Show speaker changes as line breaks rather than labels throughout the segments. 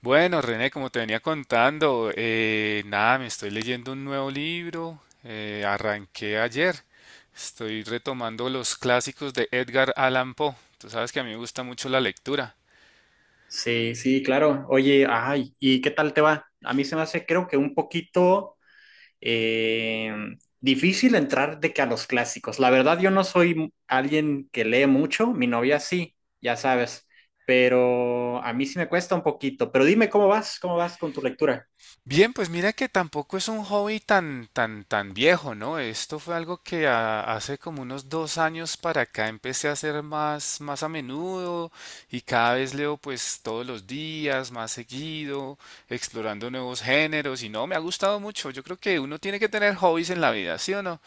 Bueno, René, como te venía contando, nada, me estoy leyendo un nuevo libro, arranqué ayer, estoy retomando los clásicos de Edgar Allan Poe, tú sabes que a mí me gusta mucho la lectura.
Sí, sí, claro. Oye, ay, ¿y qué tal te va? A mí se me hace, creo que un poquito eh, difícil entrar de que a los clásicos. La verdad, yo no soy alguien que lee mucho, mi novia sí, ya sabes, pero a mí sí me cuesta un poquito. Pero dime cómo vas con tu lectura.
Bien, pues mira que tampoco es un hobby tan viejo, ¿no? Esto fue algo que hace como unos dos años para acá empecé a hacer más a menudo y cada vez leo pues todos los días, más seguido, explorando nuevos géneros y no, me ha gustado mucho. Yo creo que uno tiene que tener hobbies en la vida, ¿sí o no?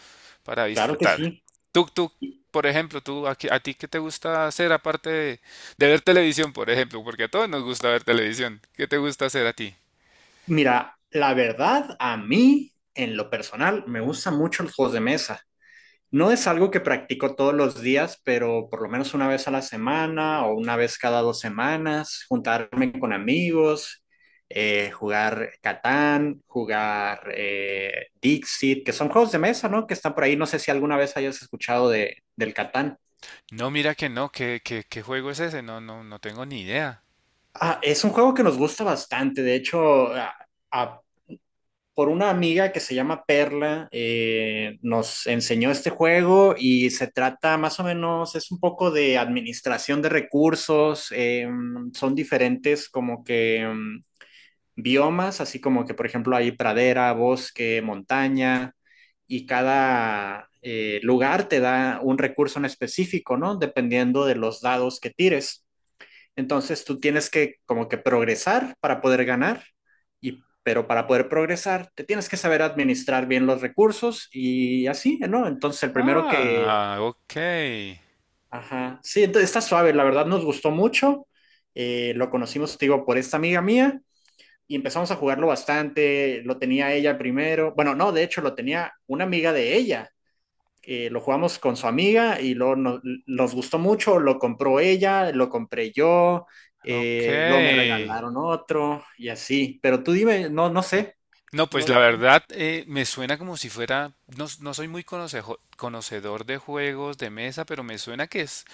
Para
Claro que
disfrutar.
sí.
Tú, tú, por ejemplo, a ti qué te gusta hacer aparte de ver televisión, por ejemplo, porque a todos nos gusta ver televisión. ¿Qué te gusta hacer a ti?
Mira, la verdad, a mí, en lo personal, me gustan mucho los juegos de mesa. No es algo que practico todos los días, pero por lo menos una vez a la semana o una vez cada dos semanas, juntarme con amigos, jugar Catán, jugar Dixit, que son juegos de mesa, ¿no? Que están por ahí. No sé si alguna vez hayas escuchado del Catán.
No, mira que no, qué juego es ese? No, no tengo ni idea.
Ah, es un juego que nos gusta bastante. De hecho, a- por una amiga que se llama Perla, nos enseñó este juego y se trata más o menos, es un poco de administración de recursos, son diferentes como que biomas, así como que por ejemplo hay pradera, bosque, montaña y cada lugar te da un recurso en específico, ¿no? Dependiendo de los dados que tires. Entonces tú tienes que como que progresar para poder ganar, y, pero para poder progresar te tienes que saber administrar bien los recursos y así, ¿no? Entonces el primero que...
Ah, ok,
Ajá, sí, entonces está suave, la verdad nos gustó mucho, lo conocimos, te digo, por esta amiga mía y empezamos a jugarlo bastante, lo tenía ella primero, bueno, no, de hecho lo tenía una amiga de ella lo jugamos con su amiga y luego nos gustó mucho, lo compró ella, lo compré yo,
ok.
luego me regalaron otro y así. Pero tú dime, no, no sé.
No, pues
No,
la verdad me suena como si fuera, no, no soy muy conocedor de juegos de mesa, pero me suena que es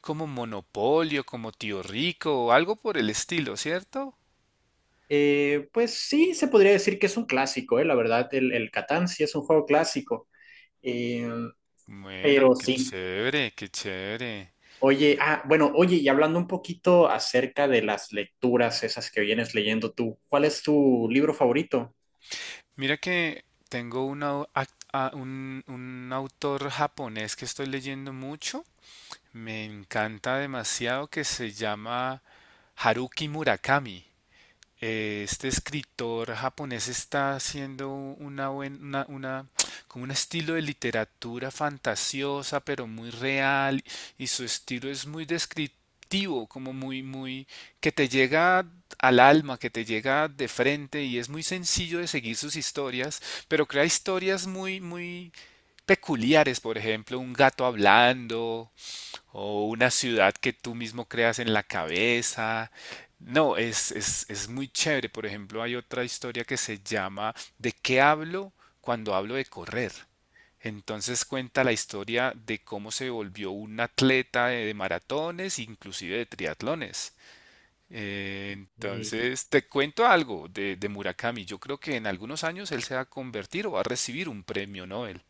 como Monopolio, como Tío Rico o algo por el estilo, ¿cierto?
pues sí, se podría decir que es un clásico, la verdad, el Catán sí es un juego clásico. Eh,
Bueno,
pero
qué
sí.
chévere, qué chévere.
Oye, ah, bueno, oye, y hablando un poquito acerca de las lecturas esas que vienes leyendo tú, ¿cuál es tu libro favorito?
Mira que tengo una au- ac- a- un autor japonés que estoy leyendo mucho. Me encanta demasiado, que se llama Haruki Murakami. Este escritor japonés está haciendo una como un estilo de literatura fantasiosa, pero muy real, y su estilo es muy descriptivo, como muy que te llega al alma, que te llega de frente, y es muy sencillo de seguir sus historias, pero crea historias muy peculiares, por ejemplo, un gato hablando, o una ciudad que tú mismo creas en la cabeza. No, es muy chévere. Por ejemplo, hay otra historia que se llama ¿De qué hablo cuando hablo de correr? Entonces cuenta la historia de cómo se volvió un atleta de maratones, inclusive de triatlones.
Eh,
Entonces, te cuento algo de Murakami. Yo creo que en algunos años él se va a convertir o va a recibir un premio Nobel.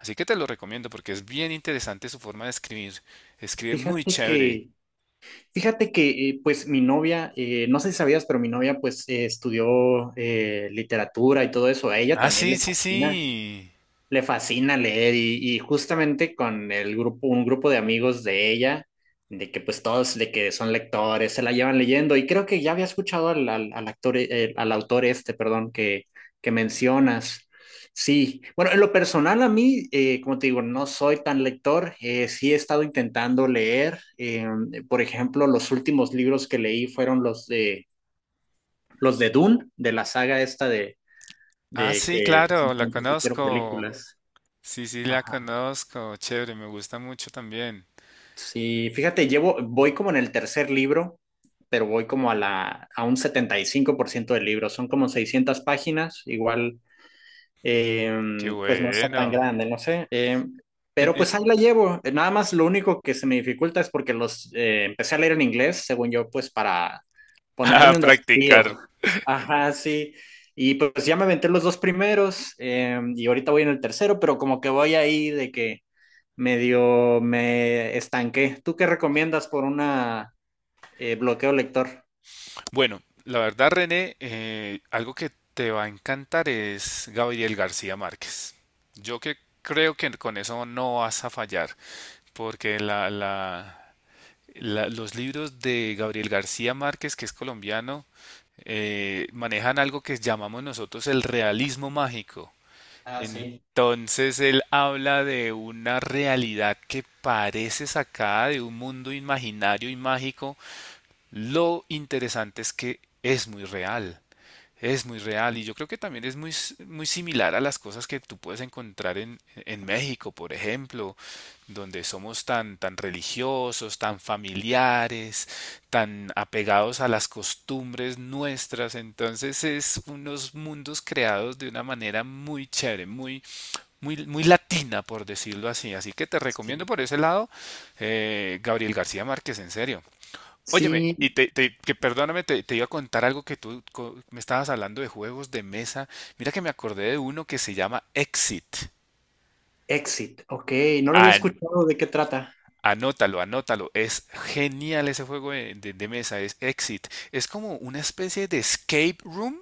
Así que te lo recomiendo porque es bien interesante su forma de escribir. Escribe muy
Fíjate
chévere.
que Fíjate que pues mi novia, no sé si sabías, pero mi novia pues estudió literatura y todo eso. A ella
Ah,
también
sí,
le
sí,
fascina
sí.
le fascina leer y justamente con el grupo, un grupo de amigos de ella, de que pues todos de que son lectores, se la llevan leyendo y creo que ya había escuchado al actor, al autor este, perdón, que mencionas. Sí, bueno, en lo personal a mí, como te digo, no soy tan lector, sí he estado intentando leer, por ejemplo, los últimos libros que leí fueron los de Dune, de la saga esta
Ah,
de
sí,
que
claro, la
recientemente se hicieron
conozco.
películas.
Sí, sí, la
Ajá.
conozco. Chévere, me gusta mucho también.
Sí, fíjate, voy como en el tercer libro, pero voy como a un 75% del libro. Son como 600 páginas, igual,
Qué
eh, pues no está tan
bueno.
grande, no sé. Eh,
En-
pero
en-
pues ahí la llevo. Nada más lo único que se me dificulta es porque los empecé a leer en inglés, según yo, pues para
a
ponerme un
practicar.
desafío. Ajá, sí. Y pues ya me aventé los dos primeros y ahorita voy en el tercero, pero como que voy ahí de que medio me estanqué. ¿Tú qué recomiendas por una bloqueo lector?
Bueno, la verdad, René, algo que te va a encantar es Gabriel García Márquez. Yo que creo que con eso no vas a fallar, porque los libros de Gabriel García Márquez, que es colombiano, manejan algo que llamamos nosotros el realismo mágico.
Ah, sí.
Entonces él habla de una realidad que parece sacada de un mundo imaginario y mágico. Lo interesante es que es muy real. Es muy real y yo creo que también es muy similar a las cosas que tú puedes encontrar en México, por ejemplo, donde somos tan religiosos, tan familiares, tan apegados a las costumbres nuestras. Entonces es unos mundos creados de una manera muy chévere, muy latina, por decirlo así. Así que te recomiendo
Sí.
por ese lado, Gabriel García Márquez, en serio. Óyeme,
Sí,
y que perdóname, te iba a contar algo que me estabas hablando de juegos de mesa. Mira que me acordé de uno que se llama Exit.
Exit, ok, no lo había
An-
escuchado de qué trata.
anótalo, anótalo. Es genial ese juego de, de mesa, es Exit. Es como una especie de escape room,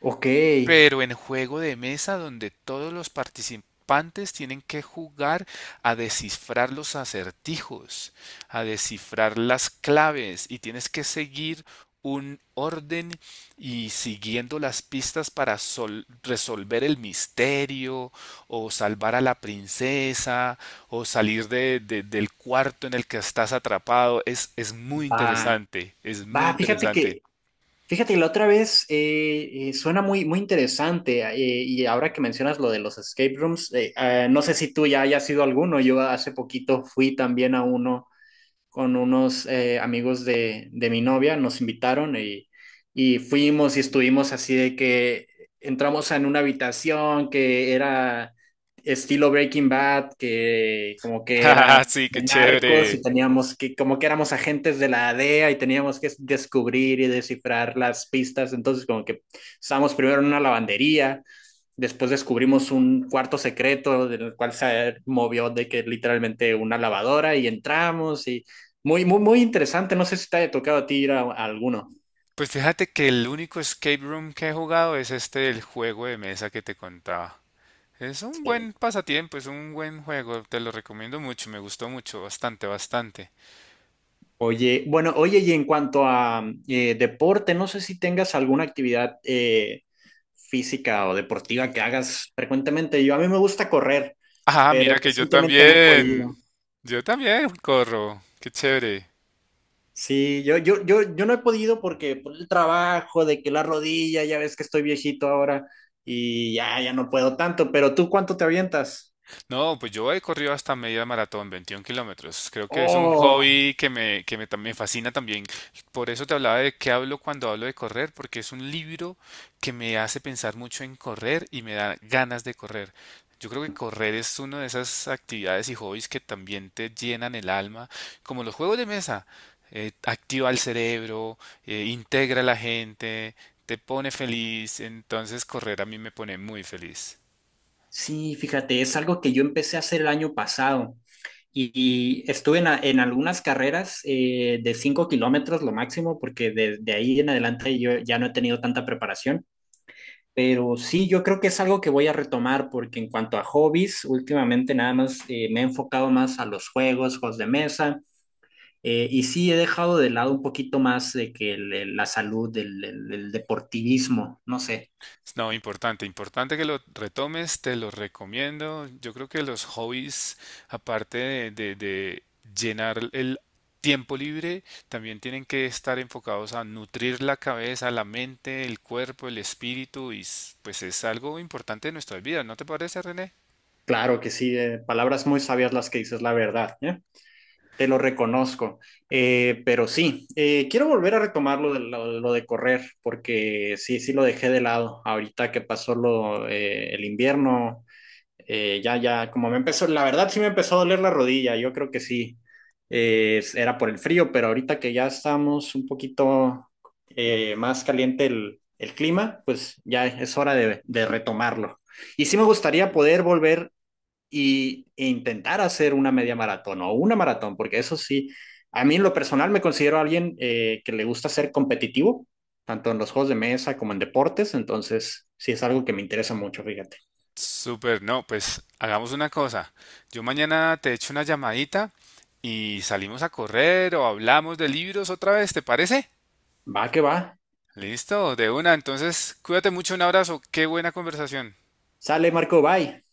Ok,
pero en juego de mesa donde todos los participantes tienen que jugar a descifrar los acertijos, a descifrar las claves y tienes que seguir un orden y siguiendo las pistas para resolver el misterio o salvar a la princesa o salir del cuarto en el que estás atrapado. Es muy
va,
interesante, es muy
va,
interesante.
fíjate, la otra vez suena muy, muy interesante y ahora que mencionas lo de los escape rooms, no sé si tú ya hayas ido a alguno, yo hace poquito fui también a uno con unos amigos de mi novia, nos invitaron y fuimos y estuvimos así de que entramos en una habitación que era estilo Breaking Bad, que como que era
Sí, qué
de narcos y
chévere.
teníamos que, como que éramos agentes de la DEA y teníamos que descubrir y descifrar las pistas. Entonces, como que estábamos primero en una lavandería, después descubrimos un cuarto secreto del cual se movió de que literalmente una lavadora y entramos y muy, muy, muy interesante. No sé si te haya tocado a ti ir a alguno.
Pues fíjate que el único escape room que he jugado es este, el juego de mesa que te contaba. Es un buen
Sí.
pasatiempo, es un buen juego, te lo recomiendo mucho, me gustó mucho, bastante, bastante.
Oye, bueno, oye, y en cuanto a deporte, no sé si tengas alguna actividad física o deportiva que hagas frecuentemente. Yo a mí me gusta correr,
Ah,
pero
mira que
recientemente no he podido.
yo también corro, qué chévere.
Sí, yo no he podido porque por el trabajo, de que la rodilla, ya ves que estoy viejito ahora y ya no puedo tanto, pero ¿tú cuánto te avientas?
No, pues yo he corrido hasta media maratón, 21 kilómetros. Creo que es un
Oh,
hobby que me fascina también. Por eso te hablaba de qué hablo cuando hablo de correr, porque es un libro que me hace pensar mucho en correr y me da ganas de correr. Yo creo que correr es una de esas actividades y hobbies que también te llenan el alma, como los juegos de mesa. Activa el cerebro, integra a la gente, te pone feliz. Entonces correr a mí me pone muy feliz.
sí, fíjate, es algo que yo empecé a hacer el año pasado. Y estuve en algunas carreras de 5 kilómetros lo máximo, porque desde ahí en adelante yo ya no he tenido tanta preparación. Pero sí, yo creo que es algo que voy a retomar, porque en cuanto a hobbies, últimamente nada más me he enfocado más a juegos de mesa, y sí he dejado de lado un poquito más de que la salud, el deportivismo, no sé.
No, importante, importante que lo retomes, te lo recomiendo. Yo creo que los hobbies, aparte de, de llenar el tiempo libre, también tienen que estar enfocados a nutrir la cabeza, la mente, el cuerpo, el espíritu, y pues es algo importante de nuestras vidas, ¿no te parece, René?
Claro que sí, palabras muy sabias las que dices, la verdad, ¿eh? Te lo reconozco. Pero sí, quiero volver a retomar lo de, correr, porque sí, sí lo dejé de lado ahorita que pasó el invierno. Ya, como me empezó, la verdad sí me empezó a doler la rodilla, yo creo que sí, era por el frío, pero ahorita que ya estamos un poquito más caliente clima, pues ya es hora de retomarlo. Y sí me gustaría poder volver e intentar hacer una media maratón o una maratón, porque eso sí, a mí en lo personal me considero alguien que le gusta ser competitivo, tanto en los juegos de mesa como en deportes, entonces sí es algo que me interesa mucho, fíjate.
Súper, no, pues hagamos una cosa. Yo mañana te echo una llamadita y salimos a correr o hablamos de libros otra vez, ¿te parece?
Va que va.
Listo, de una. Entonces, cuídate mucho, un abrazo. Qué buena conversación.
Sale Marco, bye.